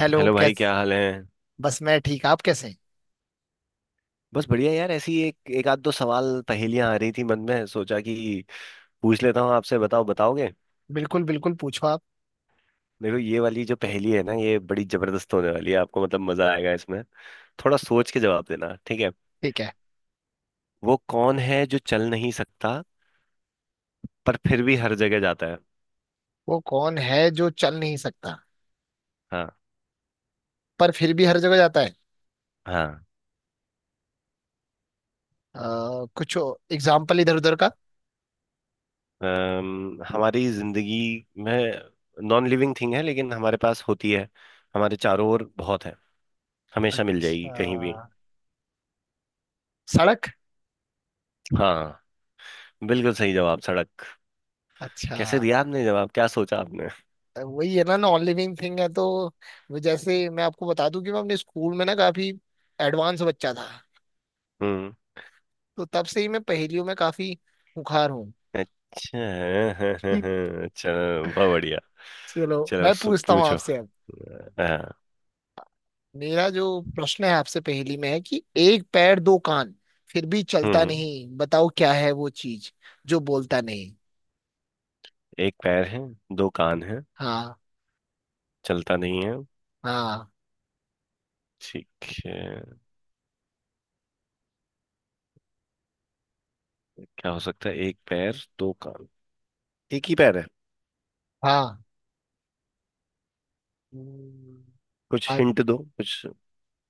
Hello hello भाई कैस। क्या हाल है। बस मैं ठीक। आप कैसे हैं? बस बढ़िया यार, ऐसी एक एक आध दो सवाल पहेलियां आ रही थी मन में, सोचा कि पूछ लेता हूँ आपसे। बताओ, बताओगे? बिल्कुल बिल्कुल, पूछो आप। देखो, ये वाली जो पहेली है ना, ये बड़ी जबरदस्त होने वाली है। आपको मतलब मजा आएगा इसमें। थोड़ा सोच के जवाब देना, ठीक है? ठीक है। वो कौन है जो चल नहीं सकता, पर फिर भी हर जगह जाता है? वो कौन है जो चल नहीं सकता हाँ। पर फिर भी हर जगह जाता है? हाँ। कुछ एग्जाम्पल इधर उधर का। हमारी जिंदगी में नॉन लिविंग थिंग है, लेकिन हमारे पास होती है। हमारे चारों ओर बहुत है, हमेशा मिल जाएगी अच्छा, कहीं भी। सड़क। हाँ, बिल्कुल सही जवाब, सड़क। अच्छा, कैसे दिया आपने जवाब, क्या सोचा आपने? वही है ना, नॉन लिविंग थिंग है तो। वो जैसे मैं आपको बता दूं कि मैं अपने स्कूल में ना काफी एडवांस बच्चा था। हम्म तो तब से ही मैं पहेलियों में काफी हुखार हूँ। अच्छा, हाँ, हाँ, हाँ, हाँ, चलो बहुत बढ़िया। चलो चलो, मैं पूछता हूँ पूछो। आपसे अब। हाँ। मेरा जो प्रश्न है आपसे पहेली में है कि एक पैर, दो कान, फिर भी चलता हम्म नहीं, बताओ क्या है वो चीज जो बोलता नहीं। एक पैर है, दो कान है, हाँ, चलता नहीं है, हाँ, ठीक है? क्या हो सकता है, एक पैर, दो कान? एक ही पैर है। हाँ। हम्म, कुछ आ- हिंट दो कुछ।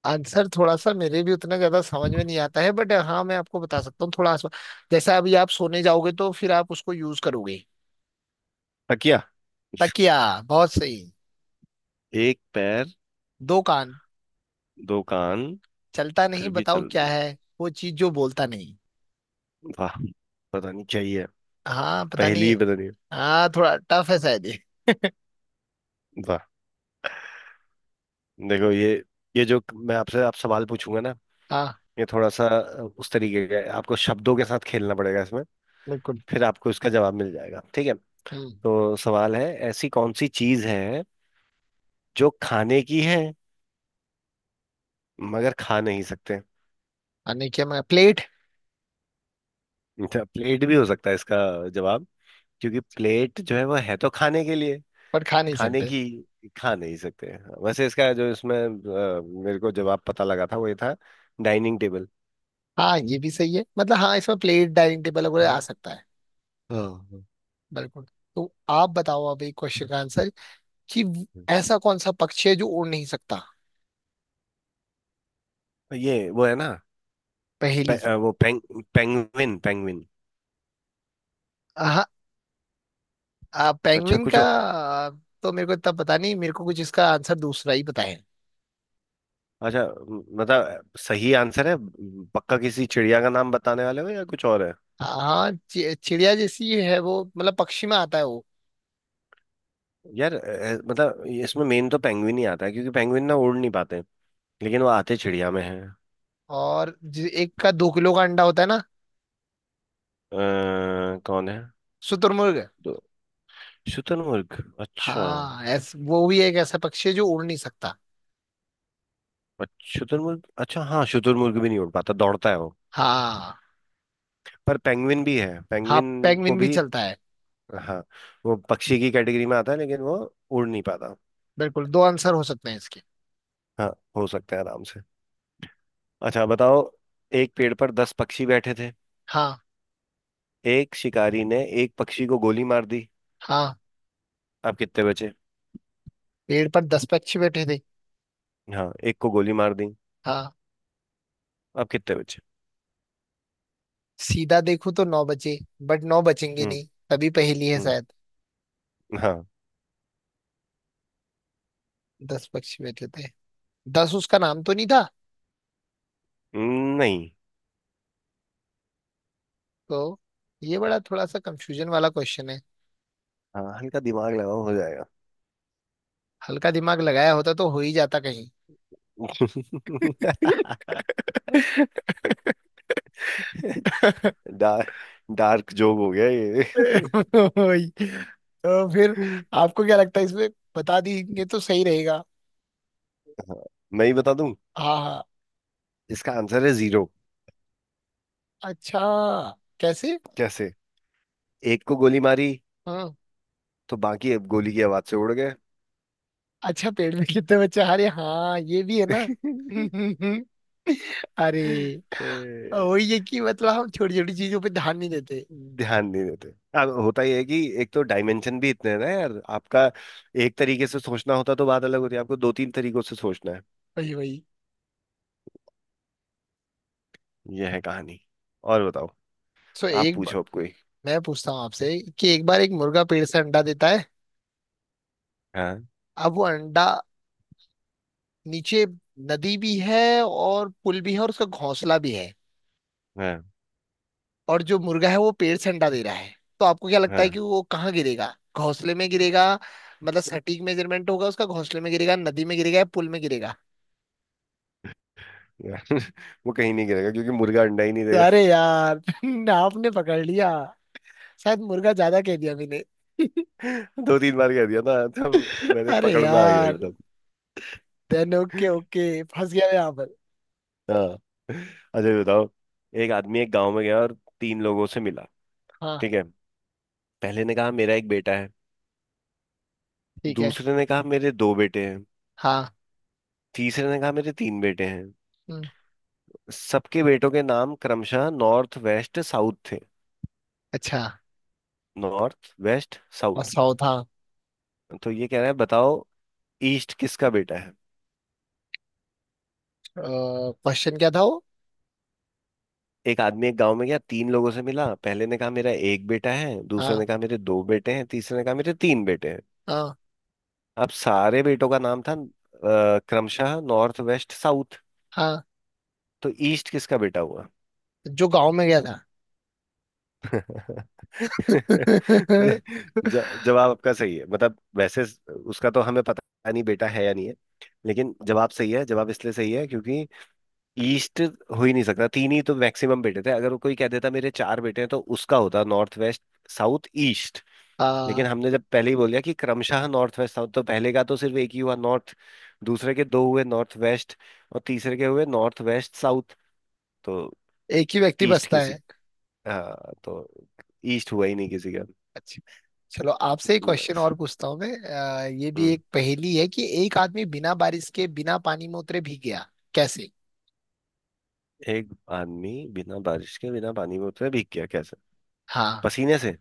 आंसर थोड़ा सा मेरे भी उतना ज्यादा समझ में नहीं आता है, बट हाँ मैं आपको बता सकता हूँ थोड़ा आसपास। जैसे अभी आप सोने जाओगे तो फिर आप उसको यूज करोगे। तकिया? तकिया। बहुत सही। एक पैर, दो कान। दो कान, चलता नहीं, फिर भी बताओ चल। क्या है वो चीज जो बोलता नहीं। वाह, पता नहीं क्या ही है, हाँ, पता पहेली नहीं। ही पता नहीं। हाँ, थोड़ा टफ है शायद ये। वाह। देखो, ये जो मैं आपसे आप सवाल पूछूंगा ना, हाँ, ये थोड़ा सा उस तरीके का है। आपको शब्दों के साथ खेलना पड़ेगा इसमें, बिल्कुल। फिर आपको इसका जवाब मिल जाएगा, ठीक है? हम्म। तो सवाल है, ऐसी कौन सी चीज है जो खाने की है मगर खा नहीं सकते? आने क्या मैं प्लेट? अच्छा, प्लेट भी हो सकता है इसका जवाब, क्योंकि प्लेट जो है वो है तो खाने के लिए। पर खा नहीं खाने सकते। की, खा नहीं सकते। वैसे इसका जो इसमें मेरे को जवाब पता लगा था, वो ये था, डाइनिंग टेबल। हाँ, ये भी सही है, मतलब हाँ इसमें प्लेट, डाइनिंग टेबल वगैरह आ हाँ, सकता है। हाँ, हाँ। बिल्कुल। तो आप बताओ अब एक क्वेश्चन का आंसर कि ऐसा कौन सा पक्षी है जो उड़ नहीं सकता? ये वो है ना, पे, पहेली। अ, वो पेंग, पेंगविन, पेंगविन। हाँ। अच्छा, पेंगुइन कुछ। का तो मेरे को इतना पता नहीं, मेरे को कुछ इसका आंसर दूसरा ही पता है। अच्छा, मतलब सही आंसर है? पक्का किसी चिड़िया का नाम बताने वाले हो या कुछ और है? हाँ, चिड़िया जैसी है वो, मतलब पक्षी में आता है वो। यार, मतलब इसमें मेन तो पेंगुइन ही आता है, क्योंकि पेंगुइन ना उड़ नहीं पाते, लेकिन वो आते चिड़िया में हैं। और एक का 2 किलो का अंडा होता है ना? कौन है? शुतुरमुर्ग। तो शुतुरमुर्ग। अच्छा। हाँ वो भी एक ऐसा पक्षी है जो उड़ नहीं सकता। अच्छा, शुतुरमुर्ग। अच्छा, हाँ, शुतुरमुर्ग भी नहीं उड़ पाता, दौड़ता है वो। हाँ। पर पेंगुइन भी है, हाँ, पेंगुइन को पेंगुइन भी भी। चलता है। हाँ, वो पक्षी की कैटेगरी में आता है लेकिन वो उड़ नहीं पाता। बिल्कुल, दो आंसर हो सकते हैं इसके। हाँ, हो सकता है आराम से। अच्छा बताओ, एक पेड़ पर दस पक्षी बैठे थे। हाँ। एक शिकारी ने एक पक्षी को गोली मार दी, हाँ। अब कितने बचे? पेड़ पर 10 पक्षी बैठे थे। हाँ, एक को गोली मार दी, हाँ। अब कितने बचे? सीधा देखूं तो नौ बचे। बट नौ बचेंगे हम्म। नहीं तभी पहेली है हम्म। शायद। हाँ। 10 पक्षी बैठे थे। 10 उसका नाम तो नहीं था। नहीं। तो ये बड़ा थोड़ा सा कंफ्यूजन वाला क्वेश्चन है। हाँ, हल्का दिमाग लगाओ हो जाएगा। हल्का दिमाग लगाया होता तो हो ही जाता कहीं। डार्क, डार्क जोक हो गया ये। वही। तो फिर आपको क्या लगता है इसमें, बता देंगे तो सही रहेगा? हाँ, मैं ही बता दूं। हाँ, हाँ। इसका आंसर है जीरो। अच्छा। कैसे? कैसे? एक को गोली मारी, हाँ। तो बाकी अब गोली की आवाज से उड़ गए। अच्छा, पेड़ में कितने बच्चे, अरे हाँ ये भी है ना। अरे, ए, वही है कि मतलब हम छोटी छोटी चीजों पे ध्यान नहीं देते। ध्यान नहीं देते। अब होता ही है, कि एक तो डायमेंशन भी इतने हैं ना यार आपका। एक तरीके से सोचना होता तो बात अलग होती है, आपको दो तीन तरीकों से सोचना है। वही, वही। यह है कहानी। और बताओ, सो आप एक ब... पूछो अब कोई। मैं पूछता हूँ आपसे कि एक बार एक मुर्गा पेड़ से अंडा देता है। हाँ। अब वो अंडा नीचे, नदी भी है और पुल भी है और उसका घोंसला भी है। हाँ। और जो मुर्गा है वो पेड़ से अंडा दे रहा है, तो आपको क्या लगता हाँ। है कि वो कहाँ गिरेगा? घोंसले में गिरेगा, मतलब सटीक मेजरमेंट होगा उसका, घोंसले में गिरेगा, नदी में गिरेगा या पुल में गिरेगा? यार, वो कहीं नहीं गिरेगा, क्योंकि मुर्गा अंडा ही नहीं देगा। अरे यार आपने पकड़ लिया, शायद मुर्गा ज्यादा कह दिया मैंने। दो तीन बार कह दिया ना, तब मैंने अरे पकड़ में आ गया यार, एकदम। देन ओके ओके फंस गया मैं यहाँ पर। हाँ। अच्छा ये बताओ, एक आदमी एक गांव में गया और तीन लोगों से मिला, हाँ, ठीक है? पहले ने कहा मेरा एक बेटा है, ठीक है। दूसरे ने कहा मेरे दो बेटे हैं, हाँ। तीसरे ने कहा मेरे तीन बेटे हैं। हम्म, सबके बेटों के नाम क्रमशः नॉर्थ, वेस्ट, साउथ थे। अच्छा। नॉर्थ, वेस्ट, और साउथ। 100 था? तो ये कह रहा है, बताओ ईस्ट किसका बेटा है? क्वेश्चन क्या था वो? एक आदमी एक गांव में गया, तीन लोगों से मिला। पहले ने कहा मेरा एक बेटा है, दूसरे हाँ, ने कहा मेरे दो बेटे हैं, तीसरे ने कहा मेरे तीन बेटे हैं। हाँ, अब सारे बेटों का नाम था क्रमशः नॉर्थ, वेस्ट, साउथ। हाँ। तो ईस्ट किसका बेटा हुआ? जो गांव में गया था। जवाब आपका सही है, मतलब वैसे उसका तो हमें पता नहीं बेटा है या नहीं है, लेकिन जवाब सही है। जवाब इसलिए सही है क्योंकि ईस्ट हो ही नहीं सकता, तीन ही तो मैक्सिमम बेटे थे। अगर कोई कह देता मेरे चार बेटे हैं, तो उसका होता नॉर्थ, वेस्ट, साउथ, ईस्ट। लेकिन आ, हमने जब पहले ही बोल दिया कि क्रमशः नॉर्थ, वेस्ट, साउथ, तो पहले का तो सिर्फ एक ही हुआ, नॉर्थ। दूसरे के दो हुए, नॉर्थ, वेस्ट। और तीसरे के हुए नॉर्थ, वेस्ट, साउथ। तो एक ही व्यक्ति ईस्ट बसता किसी, है। हाँ तो ईस्ट हुआ ही नहीं किसी का। अच्छा। चलो आपसे एक क्वेश्चन बस। और पूछता हूँ मैं, ये भी हम्म। एक पहेली है कि एक आदमी बिना बारिश के बिना पानी में उतरे भीग गया। कैसे? एक आदमी बिना बारिश के बिना पानी के उतरे भीग गया, कैसे? हाँ, पसीने से।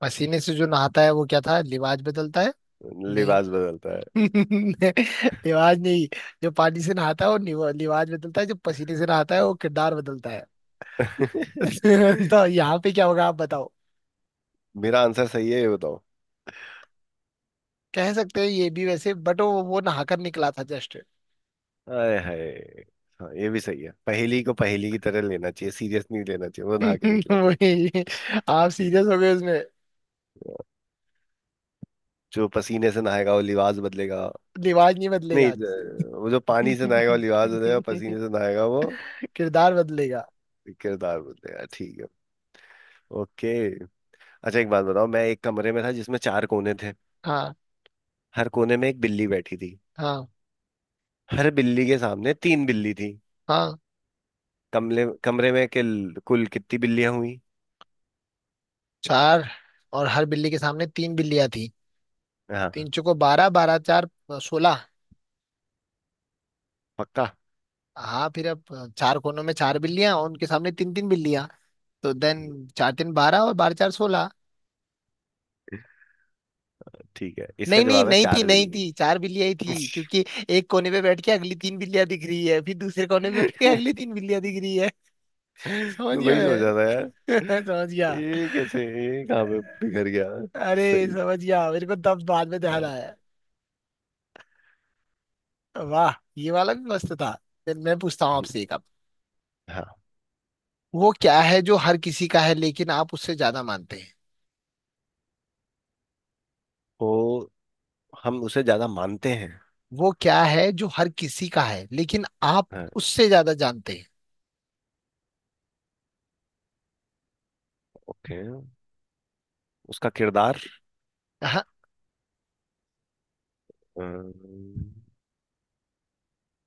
पसीने से। जो नहाता है वो क्या था लिवाज बदलता है। नहीं। लिबास बदलता है। लिवाज नहीं। जो पानी से नहाता है वो लिवाज बदलता है, जो पसीने से नहाता है वो किरदार बदलता है। तो यहाँ पे क्या होगा आप बताओ? मेरा आंसर सही है ये बताओ? कह सकते हैं ये भी वैसे, बट वो नहाकर निकला था जस्ट। आए हाय। हाँ ये भी सही है, पहेली को पहेली की तरह लेना चाहिए, सीरियस नहीं लेना चाहिए, वो नहा के निकला था। वही, आप हम्म। सीरियस हो गए उसमें। जो पसीने से नहाएगा वो लिबास बदलेगा। लिवाज नहीं बदलेगा नहीं, आज। वो जो पानी से नहाएगा वो लिबास बदलेगा, पसीने से नहाएगा वो किरदार बदलेगा। किरदार बदलेगा, ठीक है? ओके। अच्छा एक बात बताओ, मैं एक कमरे में था जिसमें चार कोने थे। हाँ। हर कोने में एक बिल्ली बैठी थी। हाँ। हर बिल्ली के सामने तीन बिल्ली थी। हाँ। कमरे कमरे में कुल कितनी बिल्लियां हुई? चार। और हर बिल्ली के सामने तीन बिल्लियां थी। हाँ, तीन हाँ, चौको बारह, बारह चार 16। पक्का? हाँ, फिर अब चार कोनों में चार बिल्लियां और उनके सामने तीन तीन बिल्लियां। तो देन चार तीन बारह और बारह चार 16। ठीक है, इसका नहीं, नहीं, जवाब है नहीं थी, चार नहीं बिल्ली। थी, चार बिल्लियां ही थी क्योंकि एक कोने पे बैठ के अगली तीन बिल्लियां दिख रही है, फिर दूसरे कोने पे बैठ के अगली तीन बिल्लियां दिख रही है। समझ मैं गया वही सोच रहा था यार, मैं, समझ गया। ये कैसे, ये कहाँ पे बिखर गया। अरे, सही। समझ गया मेरे को तब बाद में ध्यान आया। वाह, ये वाला भी मस्त था। फिर मैं पूछता हूँ हम्म, आपसे एक अब। हाँ वो क्या है जो हर किसी का है लेकिन आप उससे ज्यादा मानते हैं? तो हम उसे ज्यादा मानते हैं। वो क्या है जो हर किसी का है, लेकिन आप हाँ। उससे ज्यादा जानते हैं? ओके, उसका किरदार। हाँ। अम,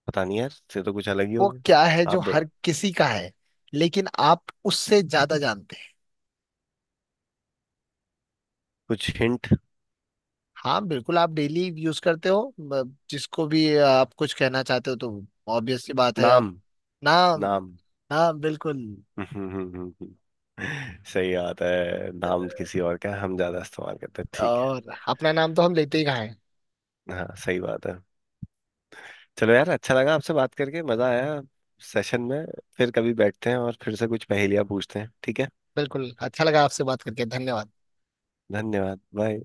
पता नहीं यार, से तो कुछ अलग ही हो वो क्या है गया जो अब। हर किसी का है लेकिन आप उससे ज्यादा जानते हैं? कुछ हिंट? हाँ, बिल्कुल। आप डेली यूज करते हो, जिसको भी आप कुछ कहना चाहते हो तो ऑब्वियस सी बात है आप। नाम। नाम। नाम। हाँ, बिल्कुल। सही बात है, नाम किसी और का है, हम ज्यादा इस्तेमाल करते हैं, ठीक है। और अपना नाम तो हम लेते ही कहाँ हैं? हाँ सही बात है। चलो यार, अच्छा लगा आपसे बात करके, मजा आया सेशन में। फिर कभी बैठते हैं और फिर से कुछ पहेलियां पूछते हैं, ठीक है? बिल्कुल, अच्छा लगा आपसे बात करके। धन्यवाद। धन्यवाद, बाय।